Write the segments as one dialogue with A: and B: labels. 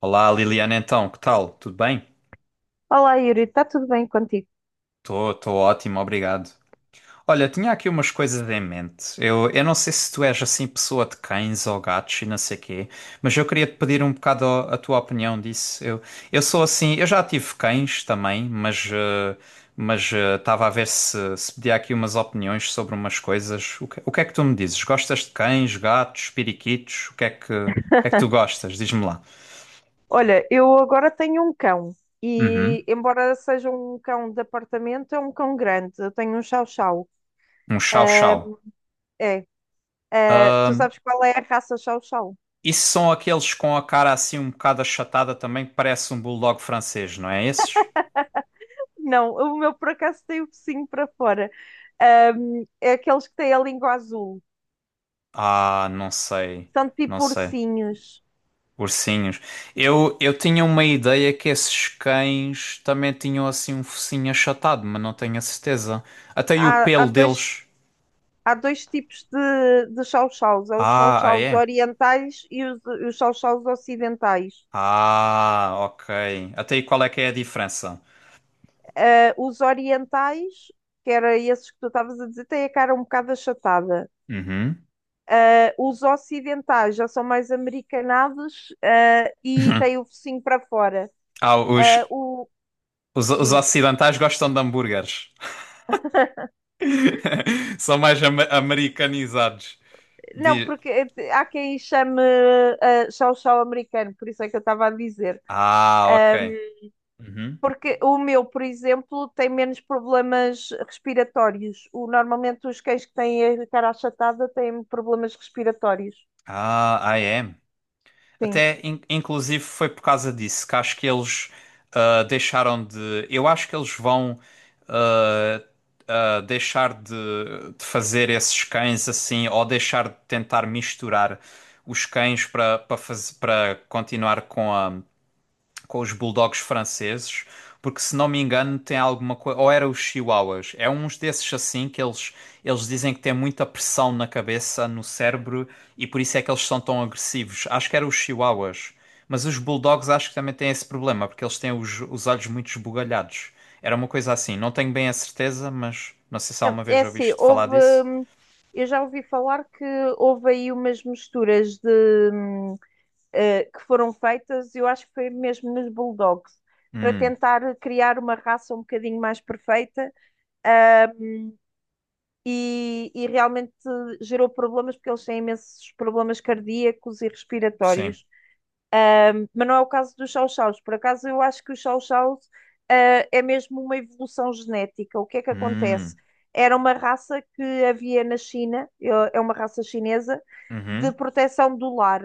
A: Olá, Liliana, então, que tal? Tudo bem?
B: Olá, Yuri, está tudo bem contigo?
A: Estou ótimo, obrigado. Olha, tinha aqui umas coisas em mente. Eu não sei se tu és assim pessoa de cães ou gatos e não sei quê, mas eu queria te pedir um bocado a tua opinião disso. Eu sou assim, eu já tive cães também, mas estava a ver se pedia aqui umas opiniões sobre umas coisas. O que é que tu me dizes? Gostas de cães, gatos, periquitos? O que é que tu gostas? Diz-me lá.
B: Olha, eu agora tenho um cão
A: Uhum.
B: e, embora seja um cão de apartamento, é um cão grande. Eu tenho um Chow Chow.
A: Um
B: Ah,
A: chau-chau.
B: é. Ah, tu sabes qual é a raça Chow Chow?
A: Isso são aqueles com a cara assim um bocado achatada também, que parece um bulldog francês, não é esses?
B: Não, o meu por acaso tem o focinho para fora. Ah, é aqueles que têm a língua azul.
A: Ah, não sei,
B: São
A: não
B: tipo
A: sei.
B: ursinhos.
A: Ursinhos. Eu tinha uma ideia que esses cães também tinham assim um focinho achatado, mas não tenho a certeza. Até aí o
B: Há, há
A: pelo
B: dois,
A: deles.
B: há dois tipos de Chow Chows: há os Chow
A: Ah, ah,
B: Chows
A: é?
B: orientais e os Chow Chows ocidentais.
A: Ah, ok. Até aí qual é que é a diferença?
B: Ah, os orientais, que era esses que tu estavas a dizer, têm a cara um bocado achatada.
A: Uhum.
B: Ah, os ocidentais já são mais americanados, e têm o focinho para fora.
A: Ah, os,
B: Ah, o
A: os
B: diz,
A: ocidentais gostam de hambúrgueres. São mais ama- americanizados.
B: não,
A: De...
B: porque há quem chame chau chau americano, por isso é que eu estava a dizer.
A: Ah,
B: Ah,
A: ok. Uhum.
B: Porque o meu, por exemplo, tem menos problemas respiratórios. O, normalmente os cães que têm a cara achatada têm problemas respiratórios.
A: Ah, I am.
B: Sim.
A: Até, in- inclusive, foi por causa disso que acho que eles deixaram de. Eu acho que eles vão ah, deixar de fazer esses cães assim, ou deixar de tentar misturar os cães para para continuar com a. Com os bulldogs franceses, porque se não me engano tem alguma coisa, ou era os chihuahuas, é uns desses assim que eles dizem que tem muita pressão na cabeça, no cérebro e por isso é que eles são tão agressivos. Acho que eram os chihuahuas, mas os bulldogs acho que também têm esse problema, porque eles têm os olhos muito esbugalhados. Era uma coisa assim, não tenho bem a certeza, mas não sei se
B: Não,
A: alguma vez
B: é assim,
A: ouviste falar
B: houve.
A: disso.
B: hum, Eu já ouvi falar que houve aí umas misturas de, que foram feitas, eu acho que foi mesmo nos Bulldogs, para
A: Hum,
B: tentar criar uma raça um bocadinho mais perfeita, ah, e realmente gerou problemas, porque eles têm imensos problemas cardíacos e
A: sim.
B: respiratórios. Um, mas não é o caso dos chow-chows. Por acaso, eu acho que os chow-chows, é mesmo uma evolução genética. O que é que acontece?
A: Hum,
B: Era uma raça que havia na China, é uma raça chinesa, de
A: uhum.
B: proteção do lar.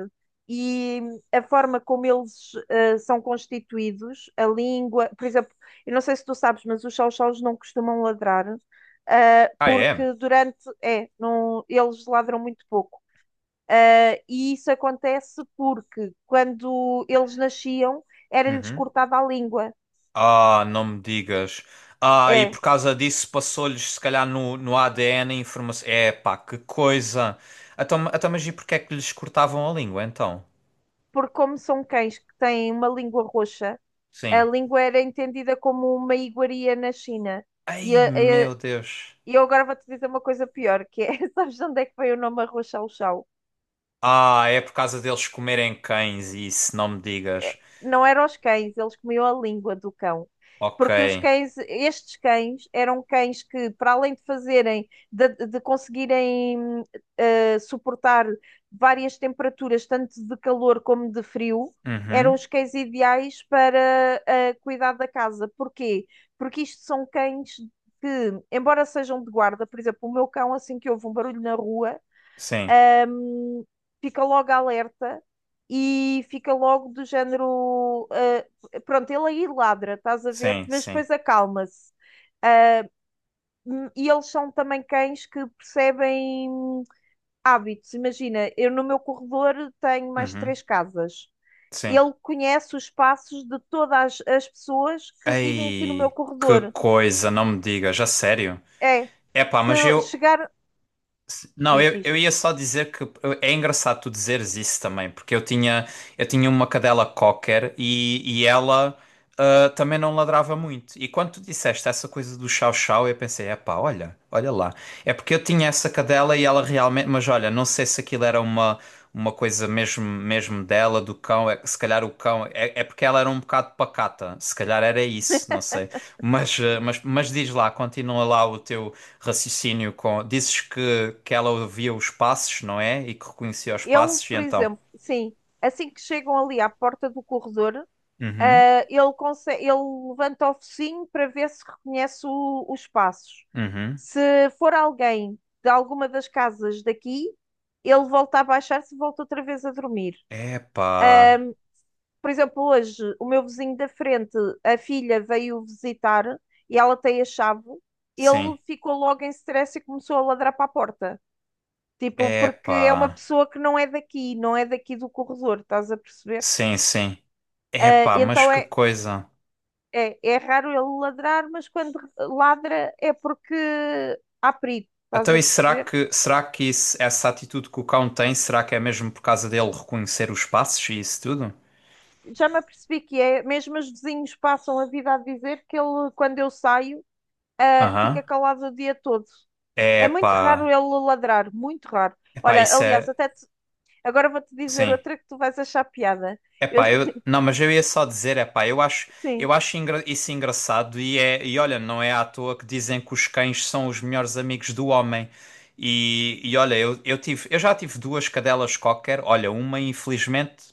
B: E a forma como eles são constituídos, a língua, por exemplo, eu não sei se tu sabes, mas os chow-chows não costumam ladrar,
A: Ah, é?
B: porque durante, é, não, eles ladram muito pouco e isso acontece porque quando eles nasciam era-lhes
A: Uhum.
B: cortada a língua.
A: Ah, não me digas. Ah, e
B: É,
A: por causa disso passou-lhes, se calhar, no ADN a informação. É, pá, que coisa. Então, então, mas e porque é que lhes cortavam a língua, então?
B: porque como são cães que têm uma língua roxa, a
A: Sim.
B: língua era entendida como uma iguaria na China. E,
A: Ai, meu Deus.
B: e eu agora vou-te dizer uma coisa pior, que é, sabes de onde é que veio o nome Arroz Chau Chau?
A: Ah, é por causa deles comerem cães, isso, não me digas.
B: Não eram os cães, eles comiam a língua do cão.
A: Ok.
B: Porque os cães, estes cães, eram cães que, para além de fazerem, de conseguirem suportar várias temperaturas, tanto de calor como de frio, eram
A: Uhum.
B: os cães ideais para cuidar da casa. Porquê? Porque isto são cães que, embora sejam de guarda, por exemplo, o meu cão, assim que houve um barulho na rua,
A: Sim,
B: hum, fica logo alerta e fica logo do género. Ah, pronto, ele aí ladra, estás a ver?
A: sim,
B: Mas
A: sim.
B: depois acalma-se. Ah, e eles são também cães que percebem hábitos. Imagina, eu no meu corredor tenho mais
A: Uhum.
B: três casas.
A: Sim.
B: Ele conhece os passos de todas as pessoas que vivem aqui no meu
A: Ai, que
B: corredor.
A: coisa, não me digas, a sério.
B: É,
A: É pá,
B: se
A: mas
B: eu
A: eu.
B: chegar,
A: Não,
B: diz,
A: eu
B: diz.
A: ia só dizer que é engraçado tu dizeres isso também, porque eu tinha uma cadela cocker e ela também não ladrava muito. E quando tu disseste essa coisa do chau-chau, eu pensei, epá, olha, olha lá. É porque eu tinha essa cadela e ela realmente, mas olha, não sei se aquilo era uma coisa mesmo, mesmo dela, do cão, é, se calhar o cão, é, é porque ela era um bocado pacata, se calhar era isso, não sei. Mas, ah, mas diz lá, continua lá o teu raciocínio com. Dizes que ela ouvia os passos, não é? E que reconhecia os
B: Ele,
A: passos, e
B: por
A: então.
B: exemplo, sim, assim que chegam ali à porta do corredor,
A: Uhum,
B: Ele levanta o focinho para ver se reconhece os passos.
A: uhum.
B: Se for alguém de alguma das casas daqui, ele volta a baixar-se e volta outra vez a dormir.
A: Epá,
B: Por exemplo, hoje, o meu vizinho da frente, a filha veio visitar e ela tem a chave.
A: sim.
B: Ele ficou logo em stress e começou a ladrar para a porta. Tipo, porque
A: Epá,
B: é uma pessoa que não é daqui, não é daqui do corredor, estás a perceber?
A: sim, sim.
B: Ah,
A: Epá, mas
B: então
A: que
B: é,
A: coisa.
B: é, é raro ele ladrar, mas quando ladra é porque há perigo, estás
A: Então,
B: a
A: e
B: perceber?
A: será que essa atitude que o cão tem, será que é mesmo por causa dele reconhecer os passos e isso tudo?
B: Já me apercebi que é, mesmo os vizinhos passam a vida a dizer que ele, quando eu saio, fica
A: Aham.
B: calado o dia todo. É muito
A: Epá,
B: raro ele ladrar, muito raro.
A: epá,
B: Olha,
A: isso
B: aliás,
A: é.
B: agora vou-te dizer
A: Sim.
B: outra que tu vais achar piada. Eu-
A: Epá, eu, não, mas eu ia só dizer, epá,
B: Sim,
A: eu acho isso engraçado e olha, não é à toa que dizem que os cães são os melhores amigos do homem. E olha, eu tive, eu já tive duas cadelas cocker, olha, uma infelizmente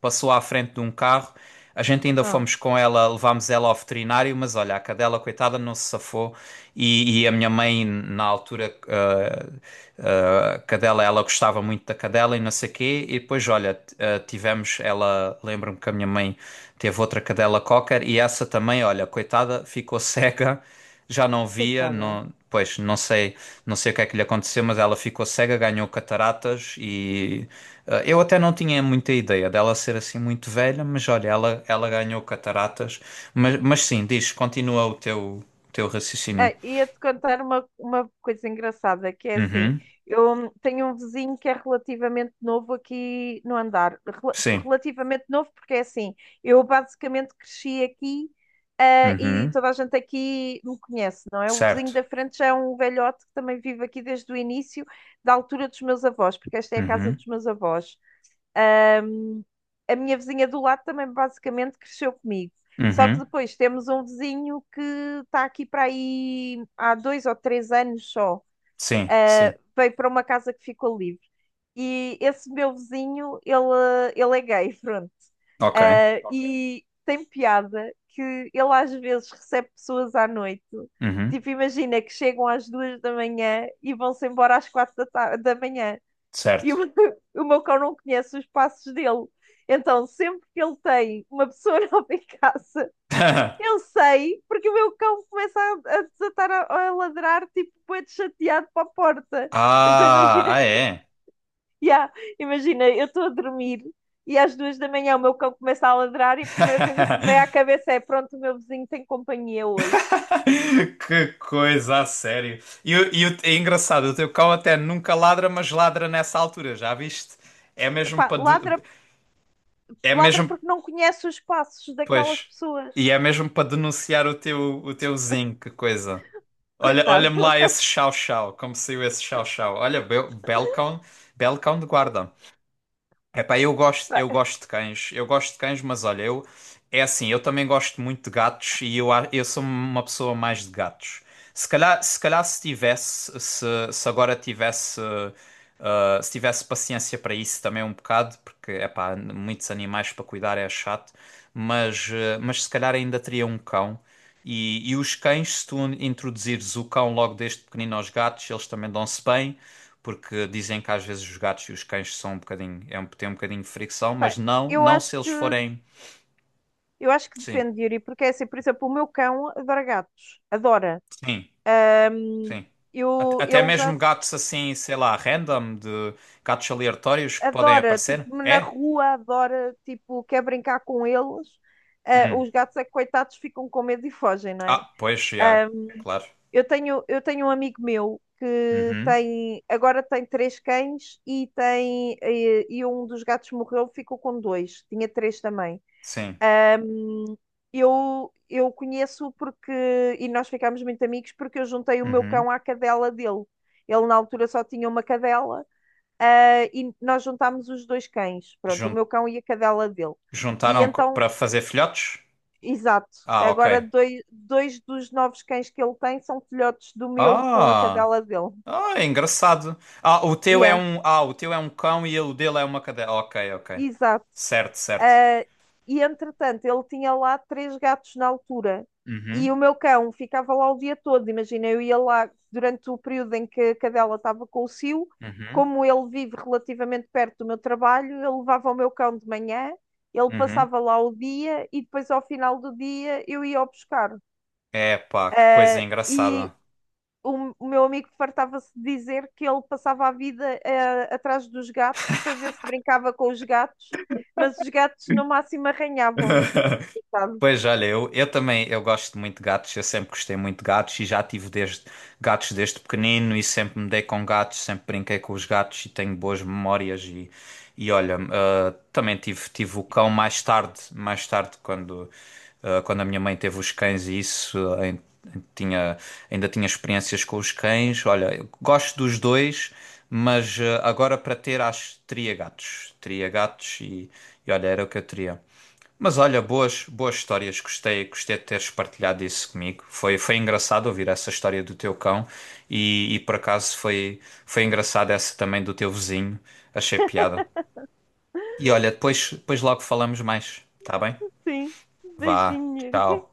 A: passou à frente de um carro, a gente ainda
B: oh,
A: fomos com ela, levámos ela ao veterinário, mas olha, a cadela, coitada, não se safou. E a minha mãe, na altura, a cadela, ela gostava muito da cadela e não sei quê. E depois, olha, tivemos, ela, lembro-me que a minha mãe teve outra cadela cocker e essa também, olha, coitada, ficou cega, já não via,
B: coitada.
A: não, pois não sei, não sei o que é que lhe aconteceu, mas ela ficou cega, ganhou cataratas e eu até não tinha muita ideia dela ser assim muito velha, mas olha, ela ganhou cataratas, mas sim, diz, continua o teu raciocínio.
B: Ia-te contar uma coisa engraçada, que é assim,
A: Uhum,
B: eu tenho um vizinho que é relativamente novo aqui no andar.
A: sim,
B: Relativamente novo porque é assim, eu basicamente cresci aqui, e
A: uhum,
B: toda a gente aqui me conhece, não é? O vizinho
A: certo,
B: da frente já é um velhote que também vive aqui desde o início, da altura dos meus avós, porque esta é a casa
A: uhum,
B: dos meus avós. A minha vizinha do lado também basicamente cresceu comigo. Só que
A: uhum,
B: depois temos um vizinho que está aqui para aí há dois ou três anos só.
A: sim,
B: Ah,
A: sim,
B: veio para uma casa que ficou livre. E esse meu vizinho, ele é gay, pronto.
A: ok,
B: Ah, ok. E tem piada que ele às vezes recebe pessoas à noite.
A: uhum,
B: Tipo, imagina que chegam às duas da manhã e vão-se embora às quatro da manhã e
A: certo.
B: o meu cão não conhece os passos dele. Então, sempre que ele tem uma pessoa nova em casa, eu sei, porque o meu cão começa a desatar a ladrar, tipo, bué de chateado para a porta. Então,
A: Ah,
B: imagina,
A: ah é.
B: yeah, imagina, eu estou a dormir e às duas da manhã o meu cão começa a ladrar e a primeira coisa que me vem à cabeça é: pronto, o meu vizinho tem companhia hoje.
A: Que coisa, a sério. É engraçado, o teu cão até nunca ladra, mas ladra nessa altura, já viste? É mesmo
B: Epá,
A: para,
B: ladra,
A: é
B: ladra
A: mesmo,
B: porque não conhece os passos daquelas
A: pois.
B: pessoas.
A: E é mesmo para denunciar o teu zinho, que coisa. Olha,
B: Coitado.
A: olha-me lá esse chau-chau, como saiu esse chau-chau. Olha, be belo cão de guarda. Epá, eu gosto de cães, eu gosto de cães, mas olha, eu é assim, eu também gosto muito de gatos e eu sou uma pessoa mais de gatos. Se calhar, se calhar se tivesse, se agora tivesse, se tivesse paciência para isso também um bocado, porque epá, muitos animais para cuidar é chato, mas se calhar ainda teria um cão. E os cães, se tu introduzires o cão logo desde pequenino aos gatos, eles também dão-se bem porque dizem que às vezes os gatos e os cães são um bocadinho, é um, têm um bocadinho de fricção, mas
B: Epá,
A: não,
B: eu
A: não
B: acho
A: se eles
B: que
A: forem.
B: Eu acho que
A: Sim,
B: depende, Yuri, porque é assim, por exemplo, o meu cão adora gatos, adora.
A: sim,
B: Ahm,
A: sim.
B: eu,
A: Até
B: ele já
A: mesmo
B: se-
A: gatos assim, sei lá, random, de gatos aleatórios que podem
B: adora, tipo,
A: aparecer.
B: na
A: É?
B: rua, adora, tipo, quer brincar com eles. Ah,
A: Hum.
B: os gatos é que, coitados, ficam com medo e fogem, não é?
A: Ah, pois, já,
B: Ahm,
A: claro.
B: eu tenho um amigo meu que
A: Uhum.
B: tem, agora tem três cães e tem, e um dos gatos morreu, ficou com dois, tinha três também.
A: Sim.
B: Ahm, eu conheço porque, e nós ficámos muito amigos porque eu juntei o meu
A: Uhum.
B: cão à cadela dele. Ele na altura só tinha uma cadela, e nós juntámos os dois cães, pronto, o
A: Jun-
B: meu cão e a cadela dele. E
A: Juntaram
B: então,
A: para fazer filhotes?
B: exato,
A: Ah, ok.
B: agora dois dos novos cães que ele tem são filhotes do meu com a
A: Ah,
B: cadela dele.
A: ah, é engraçado.
B: Yeah,
A: O teu é um cão e o dele é uma cadela. Ok, ok.
B: exato.
A: Certo, certo.
B: Ah, e entretanto, ele tinha lá três gatos na altura. E
A: Uhum,
B: o meu cão ficava lá o dia todo. Imagina, eu ia lá durante o período em que a cadela estava com o cio.
A: uhum,
B: Como ele vive relativamente perto do meu trabalho, eu levava o meu cão de manhã, ele
A: uhum.
B: passava lá o dia e depois, ao final do dia, eu ia o buscar.
A: É, pá, que coisa
B: Ah,
A: engraçada.
B: e o meu amigo fartava-se de dizer que ele passava a vida atrás dos gatos para ver se brincava com os gatos, mas os gatos no máximo arranhavam, sabe?
A: Pois olha, eu também eu gosto muito de gatos, eu sempre gostei muito de gatos e já tive gatos desde pequenino e sempre me dei com gatos, sempre brinquei com os gatos e tenho boas memórias e olha, ah, também tive, tive o cão mais tarde quando quando a minha mãe teve os cães e isso, tinha, ainda tinha experiências com os cães. Olha, eu gosto dos dois, mas agora para ter, acho, teria gatos. Teria gatos e olha, era o que eu teria. Mas olha, boas, boas histórias. Gostei, gostei de teres partilhado isso comigo. Foi, foi engraçado ouvir essa história do teu cão por acaso foi, foi engraçado essa também do teu vizinho. Achei piada. E olha, depois, depois logo falamos mais, tá bem?
B: Sim,
A: Vá,
B: beijinho.
A: tchau.